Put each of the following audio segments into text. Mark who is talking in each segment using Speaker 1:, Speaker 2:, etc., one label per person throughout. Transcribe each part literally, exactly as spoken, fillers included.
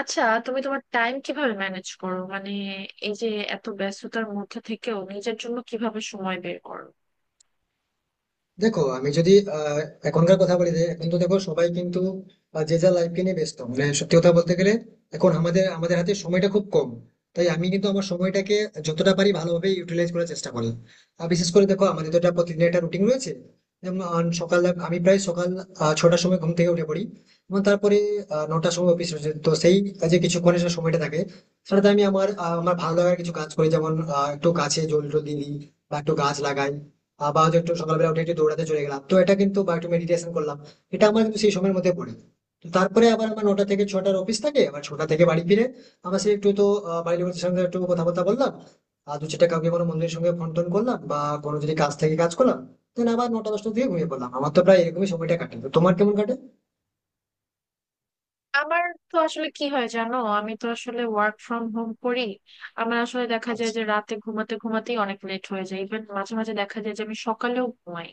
Speaker 1: আচ্ছা, তুমি তোমার টাইম কিভাবে ম্যানেজ করো? মানে এই যে এত ব্যস্ততার মধ্যে থেকেও নিজের জন্য কিভাবে সময় বের করো?
Speaker 2: দেখো আমি যদি আহ, এখনকার কথা বলি যে এখন তো দেখো সবাই কিন্তু আহ, যে যার লাইফকে নিয়ে ব্যস্ত। মানে সত্যি কথা বলতে গেলে এখন আমাদের আমাদের হাতে সময়টা খুব কম। তাই আমি কিন্তু আমার সময়টাকে যতটা পারি ভালোভাবে ইউটিলাইজ করার চেষ্টা করি। আর বিশেষ করে দেখো আমাদের তো একটা প্রতিদিন একটা রুটিন রয়েছে। যেমন আহ, সকাল আমি প্রায় সকাল আহ, ছটার সময় ঘুম থেকে উঠে পড়ি। এবং তারপরে আহ, নটার সময় অফিস রয়েছে, তো সেই যে কিছুক্ষণের যে সময়টা থাকে সেটাতে আমি আমার আহ, আমার ভালো লাগার কিছু কাজ করি। যেমন আহ, একটু গাছে জল টল দিই বা একটু গাছ লাগাই। আহ, বা হয়তো একটু সকালবেলা উঠে একটু দৌড়াতে চলে গেলাম, তো এটা কিন্তু বা একটু মেডিটেশন করলাম। এটা আমার কিন্তু সেই সময়ের মধ্যে পড়ে। তো তারপরে আবার আমার নটা থেকে ছটার অফিস থাকে, আবার ছটা থেকে বাড়ি ফিরে আমার সেই একটু তো আহ, বাড়ির লোকের সঙ্গে একটু কথাবার্তা বললাম। আর দু চারটা কাউকে কোনো বন্ধুদের সঙ্গে ফোন টোন করলাম বা কোনো যদি কাজ থেকে কাজ করলাম। দেন আবার নটা দশটার দিকে ঘুমিয়ে পড়লাম। আমার তো প্রায় এরকমই সময়টা কাটে, তো তোমার কেমন কাটে?
Speaker 1: আমার তো আসলে কি হয় জানো, আমি তো আসলে ওয়ার্ক ফ্রম হোম করি। আমার আসলে দেখা যায়
Speaker 2: আচ্ছা,
Speaker 1: যে রাতে ঘুমাতে ঘুমাতেই অনেক লেট হয়ে যায়, ইভেন মাঝে মাঝে দেখা যায় যে আমি সকালেও ঘুমাই।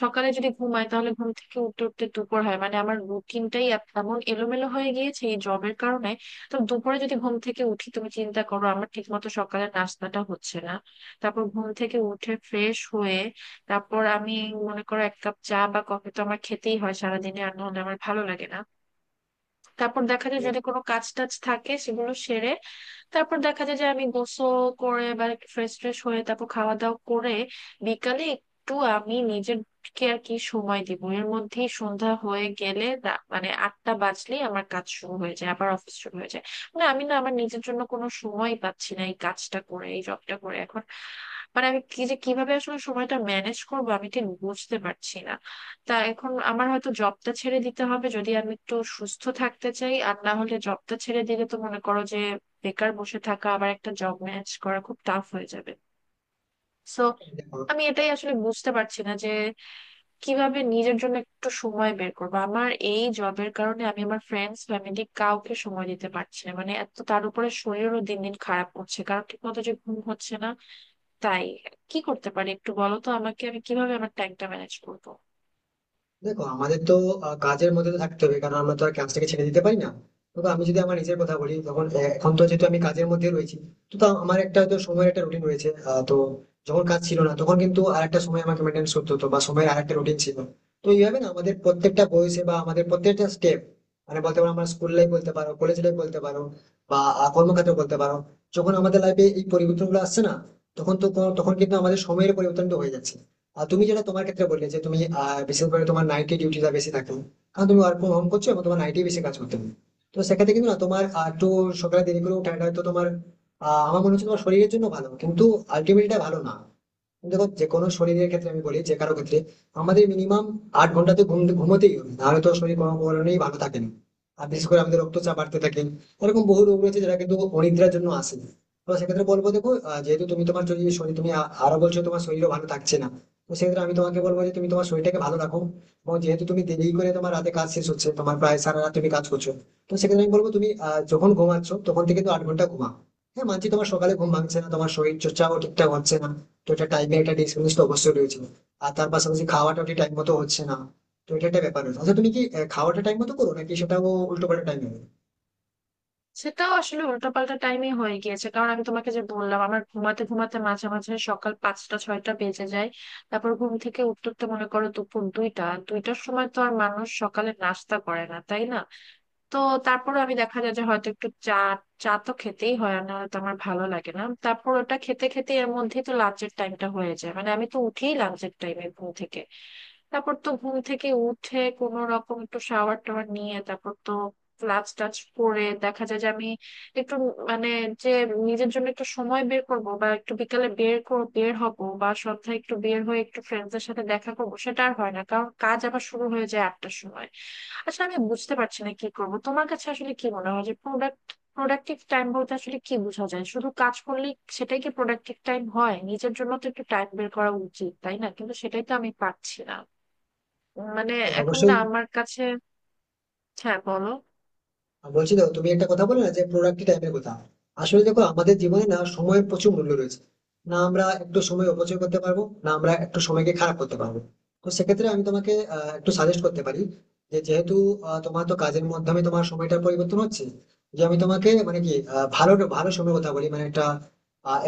Speaker 1: সকালে যদি ঘুমাই তাহলে ঘুম থেকে উঠতে উঠতে দুপুর হয়, মানে আমার রুটিনটাই এমন এলোমেলো হয়ে গিয়েছে এই জবের কারণে। তো দুপুরে যদি ঘুম থেকে উঠি তুমি চিন্তা করো, আমার ঠিক মতো সকালে নাস্তাটা হচ্ছে না। তারপর ঘুম থেকে উঠে ফ্রেশ হয়ে তারপর আমি মনে করো এক কাপ চা বা কফি তো আমার খেতেই হয় সারাদিনে, আর নাহলে আমার ভালো লাগে না। তারপর দেখা যায়
Speaker 2: তো
Speaker 1: যদি কোনো কাজ টাজ থাকে সেগুলো সেরে তারপর দেখা যায় যে আমি গোসল করে বা ফ্রেশ ট্রেশ হয়ে তারপর খাওয়া দাওয়া করে বিকালে একটু আমি নিজের কে আর কি সময় দিব, এর মধ্যেই সন্ধ্যা হয়ে গেলে রা- মানে আটটা বাজলেই আমার কাজ শুরু হয়ে যায়, আবার অফিস শুরু হয়ে যায়। মানে আমি না আমার নিজের জন্য কোনো সময় পাচ্ছি না এই কাজটা করে, এই জবটা করে এখন। মানে আমি কি, যে কিভাবে আসলে সময়টা ম্যানেজ করবো আমি ঠিক বুঝতে পারছি না। তা এখন আমার হয়তো জবটা ছেড়ে দিতে হবে যদি আমি একটু সুস্থ থাকতে চাই, আর না হলে জবটা ছেড়ে দিলে তো মনে করো যে বেকার বসে থাকা আবার একটা জব ম্যানেজ করা খুব টাফ হয়ে যাবে। সো
Speaker 2: দেখো
Speaker 1: আমি এটাই আসলে বুঝতে পারছি না যে কিভাবে নিজের জন্য একটু সময় বের করবো। আমার এই জবের কারণে আমি আমার ফ্রেন্ডস ফ্যামিলি কাউকে সময় দিতে পারছি না, মানে এত, তার উপরে শরীরও দিন দিন খারাপ হচ্ছে কারণ ঠিক মতো যে ঘুম হচ্ছে না। তাই কি করতে পারি একটু বলো তো আমাকে, আমি কিভাবে আমার টাইমটা ম্যানেজ করবো?
Speaker 2: দেখো আমাদের তো আহ, কাজের মধ্যে তো থাকতে হবে, কারণ আমরা তো আর কাজটাকে ছেড়ে দিতে পারি না। তবে আমি যদি আমার নিজের কথা বলি তখন আহ, এখন তো যেহেতু আমি কাজের মধ্যে রয়েছি, তো তা আমার একটা হয়তো সময়ের একটা রুটিন রয়েছে। আহ, তো যখন কাজ ছিল না তখন কিন্তু আর একটা সময় আমাকে মেনটেন করতে হতো, বা সময়ের আর একটা রুটিন ছিল। তো এইভাবে না আমাদের প্রত্যেকটা বয়সে বা আমাদের প্রত্যেকটা স্টেপ, মানে বলতে পারো আমরা স্কুল লাইফ বলতে পারো কলেজ লাইফ বলতে পারো বা আহ, কর্মক্ষেত্র বলতে পারো, যখন আমাদের লাইফে এই পরিবর্তনগুলো আসছে না তখন তো কোনো- তখন কিন্তু আমাদের সময়ের পরিবর্তনটা হয়ে যাচ্ছে। আর তুমি যেটা তোমার ক্ষেত্রে বললে যে তুমি আহ, বিশেষ করে তোমার নাইটে ডিউটিটা বেশি থাকে, কারণ তুমি ওয়ার্ক ফ্রম হোম করছো এবং তোমার নাইটে বেশি কাজ করতে হবে। তো সেক্ষেত্রে কিন্তু না তোমার আহ, একটু সকালে দেরি করে ওঠাটা হয়তো তোমার আহ, আমার মনে হচ্ছে তোমার শরীরের জন্য ভালো কিন্তু আলটিমেটলি ভালো না। দেখো যে কোনো শরীরের ক্ষেত্রে আমি বলি যে কারো ক্ষেত্রে আমাদের মিনিমাম আট ঘন্টা তো ঘুম ঘুমোতেই হবে, নাহলে তো শরীর কোনো কারণেই ভালো থাকে না। আর বিশেষ করে আমাদের রক্তচাপ বাড়তে থাকে, এরকম বহু রোগ রয়েছে যেটা কিন্তু অনিদ্রার জন্য আসে। তো সেক্ষেত্রে বলবো দেখো আহ, যেহেতু তুমি তোমার যদি শরীর তুমি আ- আরো বলছো তোমার শরীরও ভালো থাকছে না, তো সেক্ষেত্রে আমি তোমাকে বলবো যে তুমি তোমার শরীরটাকে ভালো রাখো। এবং যেহেতু তুমি দেরি করে তোমার রাতে কাজ শেষ হচ্ছে, তোমার প্রায় সারা রাত তুমি কাজ করছো, তো সেক্ষেত্রে আমি বলবো তুমি আহ, যখন ঘুমাচ্ছ তখন থেকে তো আট ঘন্টা ঘুমা। হ্যাঁ মানছি তোমার সকালে ঘুম ভাঙছে না তোমার শরীর চর্চাও ঠিকঠাক হচ্ছে না, তো এটা টাইমের একটা ডিসকানেক্ট অবশ্যই রয়েছে। আর তার পাশাপাশি খাওয়াটা টাইম মতো হচ্ছে না, তো এটা একটা ব্যাপার রয়েছে। আচ্ছা তুমি কি আহ, খাওয়াটা টাইম মতো করো নাকি সেটাও উল্টো পাল্টা টাইম হবে?
Speaker 1: সেটাও আসলে উল্টোপাল্টা টাইমে হয়ে গিয়েছে, কারণ আমি তোমাকে যে বললাম আমার ঘুমাতে ঘুমাতে মাঝে মাঝে সকাল পাঁচটা ছয়টা বেজে যায়। তারপর ঘুম থেকে উঠতে উঠতে মনে করো দুপুর দুইটা দুইটার সময়, তো আর মানুষ সকালে নাস্তা করে না তাই না। তো তারপরে আমি দেখা যায় যে হয়তো একটু চা, চা তো খেতেই হয় না তো আমার ভালো লাগে না। তারপর ওটা খেতে খেতে এর মধ্যেই তো লাঞ্চের টাইমটা হয়ে যায়, মানে আমি তো উঠেই লাঞ্চের টাইমে ঘুম থেকে। তারপর তো ঘুম থেকে উঠে কোনো রকম একটু শাওয়ার টাওয়ার নিয়ে তারপর তো ক্লাস টাচ করে দেখা যায় যে আমি একটু, মানে যে নিজের জন্য একটু সময় বের করব বা একটু বিকালে বের কর বের হব বা সন্ধ্যায় একটু বের হয়ে একটু ফ্রেন্ডসদের সাথে দেখা করব, সেটা আর হয় না কারণ কাজ আবার শুরু হয়ে যায় আটটার সময়। আচ্ছা, আমি বুঝতে পারছি না কি করব। তোমার কাছে আসলে কি মনে হয় যে প্রোডাক্ট প্রোডাক্টিভ টাইম বলতে আসলে কি বোঝা যায়, শুধু কাজ করলেই সেটাই কি প্রোডাক্টিভ টাইম হয়? নিজের জন্য তো একটু টাইম বের করা উচিত তাই না, কিন্তু সেটাই তো আমি পারছি না। মানে
Speaker 2: হ্যাঁ,
Speaker 1: এখন না
Speaker 2: অবশ্যই।
Speaker 1: আমার কাছে, হ্যাঁ বলো।
Speaker 2: আর বলছি তো, তুমি একটা কথা বলে না যে প্রোডাক্টিভ টাইমের কথা, আসলে দেখো আমাদের জীবনে না সময়ের প্রচুর মূল্য রয়েছে। না আমরা একটু সময় অপচয় করতে পারবো না আমরা একটু সময়কে খারাপ করতে পারবো। তো সেক্ষেত্রে আমি তোমাকে আহ, একটু সাজেস্ট করতে পারি যে যেহেতু আহ, তোমার তো কাজের মাধ্যমে তোমার সময়টা পরিবর্তন হচ্ছে, যে আমি তোমাকে মানে কি আহ, ভালো ভালো সময়ের কথা বলি মানে একটা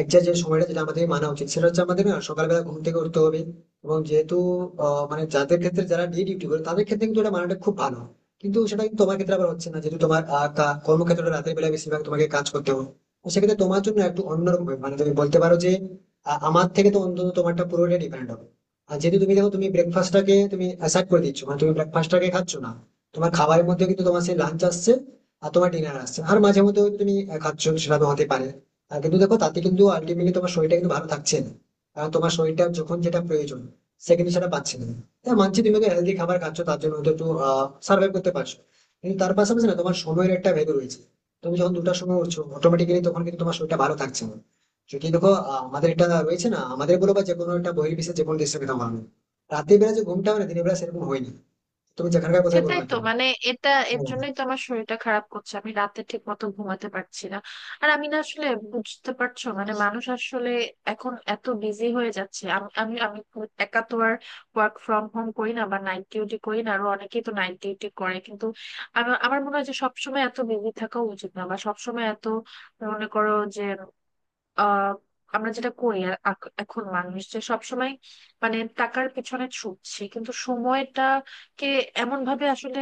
Speaker 2: একজাক্ট যে সময়টা যেটা আমাদের মানা উচিত সেটা হচ্ছে আমাদের না সকালবেলা ঘুম থেকে উঠতে হবে। এবং যেহেতু আহ, মানে যাদের ক্ষেত্রে যারা ডে ডিউটি করে তাদের ক্ষেত্রে কিন্তু এটা মানাটা খুব ভালো। কিন্তু সেটা কিন্তু তোমার ক্ষেত্রে আবার হচ্ছে না, যেহেতু তোমার আহ, কা- কর্মক্ষেত্রটা রাতের বেলা বেশিরভাগ তোমাকে কাজ করতে হবে। তো সেক্ষেত্রে তোমার জন্য একটু অন্যরকম হবে। মানে তুমি বলতে পারো যে আহ, আমার থেকে তো অন্তত তোমারটা পুরোটা ডিপেন্ড হবে। আর যেহেতু তুমি দেখো তুমি ব্রেকফাস্টটাকে তুমি অ্যাসাইড করে দিচ্ছ মানে তুমি ব্রেকফাস্টটাকে খাচ্ছ না। তোমার খাবারের মধ্যে কিন্তু তোমার সেই লাঞ্চ আসছে আর তোমার ডিনার আসছে, আর মাঝে মধ্যে হয়তো তুমি আহ, খাচ্ছ সেটা তো হতে পারে। আর কিন্তু দেখো তাতে কিন্তু আলটিমেটলি তোমার শরীরটা কিন্তু ভালো থাকছে না, কারণ তোমার শরীরটা যখন যেটা প্রয়োজন সে কিন্তু সেটা পাচ্ছে না। হ্যাঁ মানছি তুমি একটা হেলদি খাবার খাচ্ছ তার জন্য হয়তো একটু সার্ভাইভ করতে পারছো, কিন্তু তার পাশাপাশি না তোমার সময়ের একটা ভেদ রয়েছে। তুমি যখন দুটার সময় উঠছো অটোমেটিক্যালি তখন কিন্তু তোমার শরীরটা ভালো থাকছে না। যদি দেখো আহ, আমাদের এটা রয়েছে না আমাদের বলো বা যে কোনো একটা বহির বিশ্বে যে কোনো দেশের কথা বলো, রাতের বেলা যে ঘুমটা হয় না দিনের বেলা সেরকম হয় না। তুমি যেখানকার কথাই বলো
Speaker 1: সেটাই
Speaker 2: না
Speaker 1: তো
Speaker 2: কেন।
Speaker 1: মানে এটা এর
Speaker 2: হ্যাঁ।
Speaker 1: জন্যই তো আমার শরীরটা খারাপ করছে, আমি রাতে ঠিক মতো ঘুমাতে পারছি না। আর আমি না আসলে, বুঝতে পারছো মানে মানুষ আসলে এখন এত বিজি হয়ে যাচ্ছে। আম- আমি আমি খুব একা তো আর ওয়ার্ক ফ্রম হোম করি না বা নাইট ডিউটি করি না, আরো অনেকেই তো নাইট ডিউটি করে কিন্তু আমার আমার মনে হয় যে সবসময় এত বিজি থাকা উচিত না, বা সবসময় এত মনে করো যে আহ আমরা যেটা করি, আর আক- এখন মানুষ যে সবসময় মানে টাকার পিছনে ছুটছে, কিন্তু সময়টাকে এমন ভাবে আসলে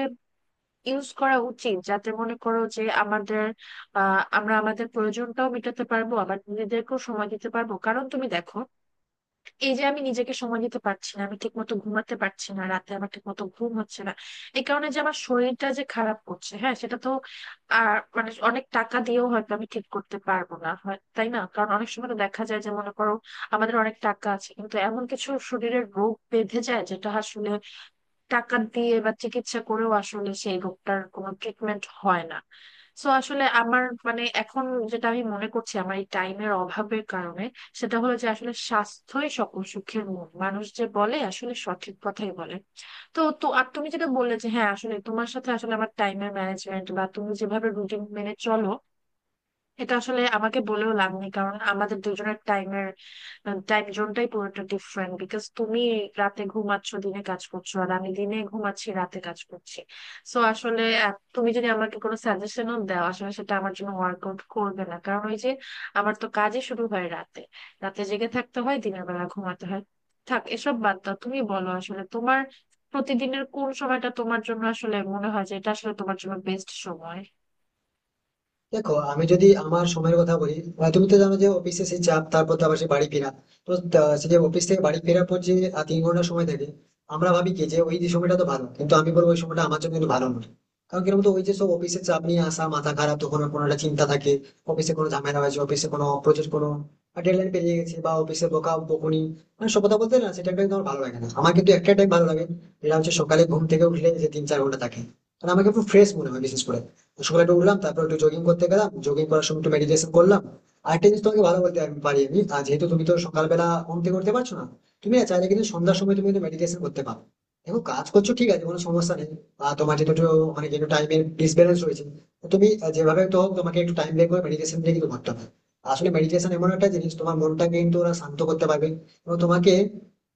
Speaker 1: ইউজ করা উচিত যাতে মনে করো যে আমাদের, আহ আমরা আমাদের প্রয়োজনটাও মেটাতে পারবো আবার নিজেদেরকেও সময় দিতে পারবো। কারণ তুমি দেখো, এই যে আমি নিজেকে সময় দিতে পারছি না, আমি ঠিক মতো ঘুমাতে পারছি না, রাতে আমার ঠিক মতো ঘুম হচ্ছে না, এই কারণে যে আমার শরীরটা যে খারাপ করছে, হ্যাঁ সেটা তো। আর মানে অনেক টাকা দিয়েও হয়তো আমি ঠিক করতে পারবো না হয় তাই না, কারণ অনেক সময় তো দেখা যায় যে মনে করো আমাদের অনেক টাকা আছে কিন্তু এমন কিছু শরীরের রোগ বেঁধে যায় যেটা আসলে টাকা দিয়ে বা চিকিৎসা করেও আসলে সেই রোগটার কোনো ট্রিটমেন্ট হয় না। সো আসলে আমার মানে এখন যেটা আমি মনে করছি আমার এই টাইমের অভাবের কারণে সেটা হলো যে আসলে স্বাস্থ্যই সকল সুখের মূল, মানুষ যে বলে আসলে সঠিক কথাই বলে। তো তো আর তুমি যেটা বললে যে হ্যাঁ আসলে তোমার সাথে আসলে আমার টাইমের ম্যানেজমেন্ট বা তুমি যেভাবে রুটিন মেনে চলো, এটা আসলে আমাকে বলেও লাভ নেই কারণ আমাদের দুজনের টাইমের, টাইম জোনটাই পুরোটা ডিফারেন্ট বিকজ তুমি রাতে ঘুমাচ্ছ দিনে কাজ করছো, আর আমি দিনে ঘুমাচ্ছি রাতে কাজ করছি। সো আসলে আহ, তুমি যদি আমাকে কোনো সাজেশনও দাও আসলে সেটা আমার জন্য ওয়ার্কআউট করবে না, কারণ ওই যে আমার তো কাজই শুরু হয় রাতে, রাতে জেগে থাকতে হয়, দিনের বেলা ঘুমাতে হয়। থাক এসব বাদ দাও, তুমি বলো আসলে তোমার প্রতিদিনের কোন সময়টা তোমার জন্য আসলে মনে হয় যে এটা আসলে তোমার জন্য বেস্ট সময়।
Speaker 2: দেখো আমি যদি আমার সময়ের কথা বলি আহ, তুমি তো জানো যে অফিসে সেই চাপ তারপর তো আবার সেই বাড়ি ফেরা। তো তা- সেই যে অফিস থেকে বাড়ি ফেরার পর যে আহ, তিন ঘন্টা সময় থাকে, আমরা ভাবি কি যে ওই যে সময়টা তো ভালো, কিন্তু আমি বলবো ওই সময়টা আমার জন্য কিন্তু ভালো নয়। কারণ কি বলতো ওই যে সব অফিসের চাপ নিয়ে আসা মাথা খারাপ, তখন কোনো একটা চিন্তা থাকে অফিসে কোনো ঝামেলা হয়েছে, অফিসে কোনো প্রজেক্ট কোনো ডেডলাইন পেরিয়ে গেছে বা অফিসে বকা বকুনি, মানে সব কথা বলতে না সেটা কিন্তু আমার ভালো লাগে না। আমার কিন্তু একটা টাইম ভালো লাগে যেটা হচ্ছে সকালে ঘুম থেকে উঠলে যে তিন চার ঘন্টা থাকে, কারণ আমাকে একটু ফ্রেশ মনে হয় বিশেষ করে সকালে একটু উঠলাম তারপর একটু জগিং করতে গেলাম, জগিং করার সময় একটু মেডিটেশন করলাম। আর একটা জিনিস তোমাকে ভালো বলতে আমি পারি আমি, আর যেহেতু তুমি তো সকালবেলা ঘুম থেকে উঠতে পারছো না, তুমি না চাইলে কিন্তু সন্ধ্যার সময় তুমি কিন্তু মেডিটেশন করতে পারো। দেখো কাজ করছো ঠিক আছে কোনো সমস্যা নেই, আর তোমার যেহেতু একটু মানে যেহেতু টাইমের ডিসব্যালেন্স রয়েছে, তো তুমি আহ, যেভাবে তো হোক তোমাকে একটু টাইম বের করে মেডিটেশন দিয়ে কিন্তু করতে হবে। আসলে মেডিটেশন এমন একটা জিনিস তোমার মনটাকে কিন্তু ওরা শান্ত করতে পারবে এবং তোমাকে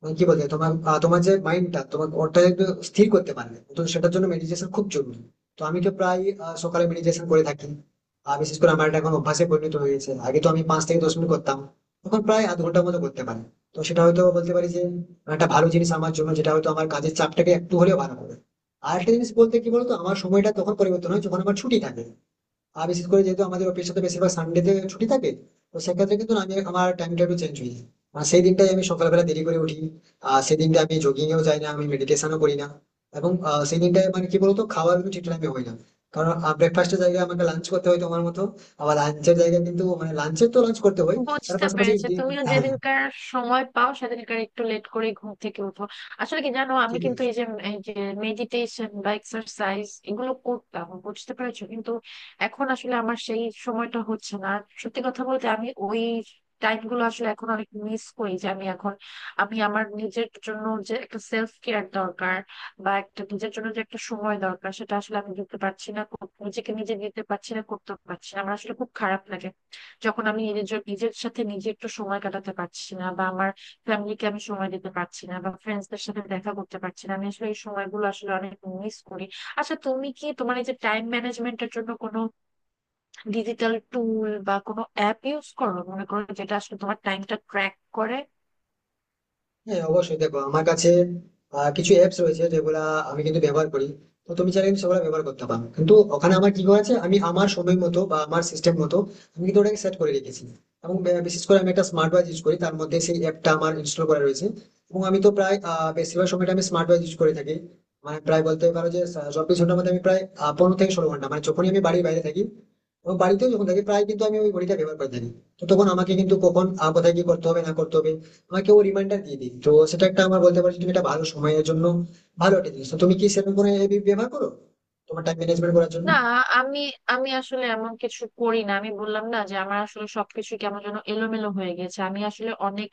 Speaker 2: মানে কি বলতে হয়, তোমার আহ, তোমার যে মাইন্ডটা তোমার ওটা একটু স্থির করতে পারবে, তো সেটার জন্য মেডিটেশন খুব জরুরি। তো আমি তো প্রায় আহ, সকালে মেডিটেশন করে থাকি। আর বিশেষ করে আমার এটা এখন অভ্যাসে পরিণত হয়ে গেছে, আগে তো আমি পাঁচ থেকে দশ মিনিট করতাম, এখন প্রায় আধ ঘন্টার মতো করতে পারি। তো সেটা হয়তো বলতে পারি যে একটা ভালো জিনিস আমার জন্য, যেটা হয়তো আমার কাজের চাপটাকে একটু হলেও ভালো করে। আর একটা জিনিস বলতে কি বলতো আমার সময়টা তখন পরিবর্তন হয় যখন আমার ছুটি থাকে, আর বিশেষ করে যেহেতু আমাদের অফিস সাথে বেশিরভাগ সানডেতে ছুটি থাকে, তো সেক্ষেত্রে কিন্তু আমি আমার টাইমটা একটু চেঞ্জ হয়ে যায়। আর সেই দিনটাই আমি সকালবেলা দেরি করে উঠি, আর সেই দিনটা আমি জগিংয়েও যাই না আমি মেডিটেশনও করি না। এবং আহ, সেই দিনটায় মানে কি বলতো খাওয়ার কিন্তু ঠিক টাইমে হয় না, কারণ ব্রেকফাস্টের জায়গায় আমাকে লাঞ্চ করতে হয় তোমার মতো, আবার লাঞ্চের জায়গায় কিন্তু মানে লাঞ্চের তো লাঞ্চ করতে হয়। তার
Speaker 1: বুঝতে
Speaker 2: পাশাপাশি
Speaker 1: পেরেছি,
Speaker 2: ডি-
Speaker 1: তুমিও
Speaker 2: হ্যাঁ
Speaker 1: যেদিনকার সময় পাও সেদিনকার একটু লেট করে ঘুম থেকে উঠো। আসলে কি জানো, আমি
Speaker 2: ঠিক
Speaker 1: কিন্তু
Speaker 2: বলেছো।
Speaker 1: এই যে, এই যে মেডিটেশন বা এক্সারসাইজ এগুলো করতাম বুঝতে পেরেছো, কিন্তু এখন আসলে আমার সেই সময়টা হচ্ছে না। আর সত্যি কথা বলতে আমি ওই টাইম গুলো আসলে এখন অনেক মিস করি, যে আমি এখন, আমি আমার নিজের জন্য যে একটা সেলফ কেয়ার দরকার বা একটা নিজের জন্য যে একটা সময় দরকার সেটা আসলে আমি দিতে পারছি না, নিজেকে নিজে দিতে পারছি না, করতে পারছি না। আমার আসলে খুব খারাপ লাগে যখন আমি নিজের নিজের সাথে নিজে একটু সময় কাটাতে পারছি না, বা আমার ফ্যামিলিকে আমি সময় দিতে পারছি না, বা ফ্রেন্ডসদের সাথে দেখা করতে পারছি না। আমি আসলে এই সময়গুলো আসলে অনেক মিস করি। আচ্ছা, তুমি কি তোমার এই যে টাইম ম্যানেজমেন্টের জন্য কোনো ডিজিটাল টুল বা কোনো অ্যাপ ইউজ করো, মনে করো যেটা আসলে তোমার টাইমটা ট্র্যাক করে?
Speaker 2: হ্যাঁ অবশ্যই দেখো আমার কাছে আহ, কিছু অ্যাপস রয়েছে যেগুলা আমি কিন্তু ব্যবহার করি, তো তুমি চাইলে কিন্তু সেগুলো ব্যবহার করতে পারো। কিন্তু ওখানে আমার কি করেছে আমি আমার সময় মতো বা আমার সিস্টেম মতো আমি কিন্তু ওটাকে সেট করে রেখেছি। এবং বে- বিশেষ করে আমি একটা স্মার্ট ওয়াচ ইউজ করি, তার মধ্যে সেই অ্যাপটা আমার ইনস্টল করা রয়েছে। এবং আমি তো প্রায় আহ, বেশিরভাগ সময়টা আমি স্মার্ট ওয়াচ ইউজ করে থাকি। মানে প্রায় বলতে পারো যে আহ, চব্বিশ ঘন্টার মধ্যে আমি প্রায় আহ, পনেরো থেকে ষোলো ঘন্টা, মানে যখনই আমি বাড়ির বাইরে থাকি এবং বাড়িতেও যখন থাকি প্রায় কিন্তু আমি ওই ঘড়িটা ব্যবহার করে থাকি। তো তখন আমাকে কিন্তু কখন আহ, কোথায় কি করতে হবে না করতে হবে তোমাকে ও রিমাইন্ডার দিয়ে দিই, তো সেটা একটা আমার বলতে পারো যে তুমি একটা ভালো সময়ের জন্য ভালো একটা জিনিস। তো তুমি কি সেরকম কোনো app ব্যবহার করো তোমার টাইম ম্যানেজমেন্ট করার জন্য?
Speaker 1: না, আমি আমি আসলে এমন কিছু করি না, আমি বললাম না যে আমার আসলে সবকিছু কেমন যেন এলোমেলো হয়ে গেছে। আমি আসলে অনেক,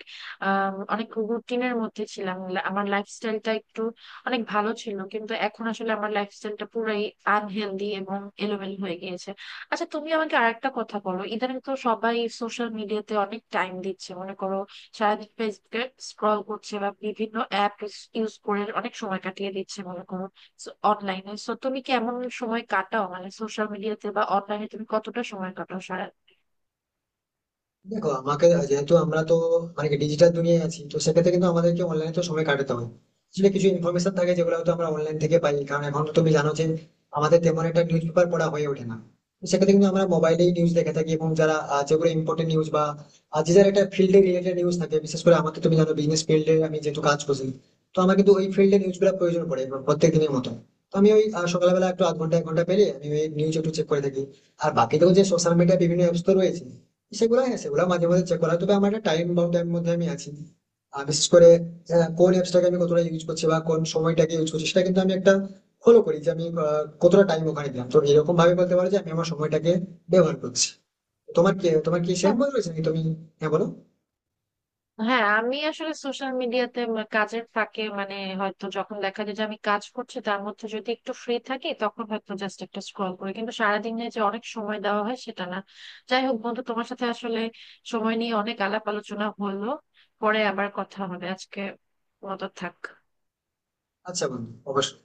Speaker 1: আম, অনেক রুটিনের মধ্যে ছিলাম, লা- আমার লাইফস্টাইলটা একটু অনেক ভালো ছিল, কিন্তু এখন আসলে আমার লাইফস্টাইলটা পুরাই আনহেলদি এবং এলোমেলো হয়ে গিয়েছে। আচ্ছা, তুমি আমাকে আরেকটা কথা বলো, ইদানিং তো সবাই সোশ্যাল মিডিয়াতে অনেক টাইম দিচ্ছে, মনে করো সারাদিন ফেসবুকে স্ক্রল করছে বা বিভিন্ন অ্যাপ ইউজ করে অনেক সময় কাটিয়ে দিচ্ছে, মনে করো অনলাইনে। সো তুমি কেমন সময় কাটাও মানে সোশ্যাল মিডিয়াতে বা অনলাইনে তুমি কতটা সময় কাটাও সারা?
Speaker 2: দেখো আমাকে যেহেতু আমরা তো মানে ডিজিটাল দুনিয়ায় আছি, তো সেক্ষেত্রে কিন্তু আমাদেরকে অনলাইনে তো সময় কাটাতে হয়। আসলে কিছু ইনফরমেশন থাকে যেগুলো হয়তো আমরা অনলাইন থেকে পাই, কারণ এখন তো তুমি জানো যে আমাদের তেমন একটা নিউজ পেপার পড়া হয়ে ওঠে না। তো সেক্ষেত্রে কিন্তু আমরা মোবাইলেই নিউজ দেখে থাকি। এবং যারা আহ, যেগুলো ইম্পর্টেন্ট নিউজ বা আহ, যে যার একটা ফিল্ডে রিলেটেড নিউজ থাকে, বিশেষ করে আমাদের তুমি জানো বিজনেস ফিল্ডে আমি যেহেতু কাজ করছি, তো আমার কিন্তু ওই ফিল্ডে নিউজ গুলো প্রয়োজন পড়ে প্রত্যেক দিনের মতো। তো আমি ওই আহ, সকালবেলা একটু আধ ঘন্টা এক ঘন্টা পেরিয়ে আমি ওই নিউজ একটু চেক করে থাকি। আর বাকি তো যে সোশ্যাল মিডিয়া বিভিন্ন অ্যাপস তো রয়েছে, সেগুলো হ্যাঁ সেগুলো মাঝে মাঝে চেক করা হয়। তবে আমার একটা টাইম বাউন্ডের মধ্যে আমি আছি। আর বিশেষ করে আহ, কোন অ্যাপসটাকে আমি কতটা ইউজ করছি বা কোন সময়টাকে ইউজ করছি সেটা কিন্তু আমি একটা ফলো করি যে আমি আহ, কতটা টাইম ওখানে দিলাম, তো এরকম ভাবে বলতে পারো যে আমি আমার সময়টাকে ব্যবহার করছি। তোমার কি তোমার কি সেম
Speaker 1: খুব
Speaker 2: বই রয়েছে নাকি তুমি? হ্যাঁ বলো।
Speaker 1: হ্যাঁ, আমি আসলে সোশ্যাল মিডিয়াতে কাজের ফাঁকে মানে হয়তো যখন দেখা যায় যে আমি কাজ করছি তার মধ্যে যদি একটু ফ্রি থাকি তখন হয়তো জাস্ট একটা স্ক্রল করি, কিন্তু সারাদিনে যে অনেক সময় দেওয়া হয় সেটা না। যাই হোক বন্ধু, তোমার সাথে আসলে সময় নিয়ে অনেক আলাপ আলোচনা হলো, পরে আবার কথা হবে, আজকে মতো থাক।
Speaker 2: আচ্ছা বন্ধু অবশ্যই।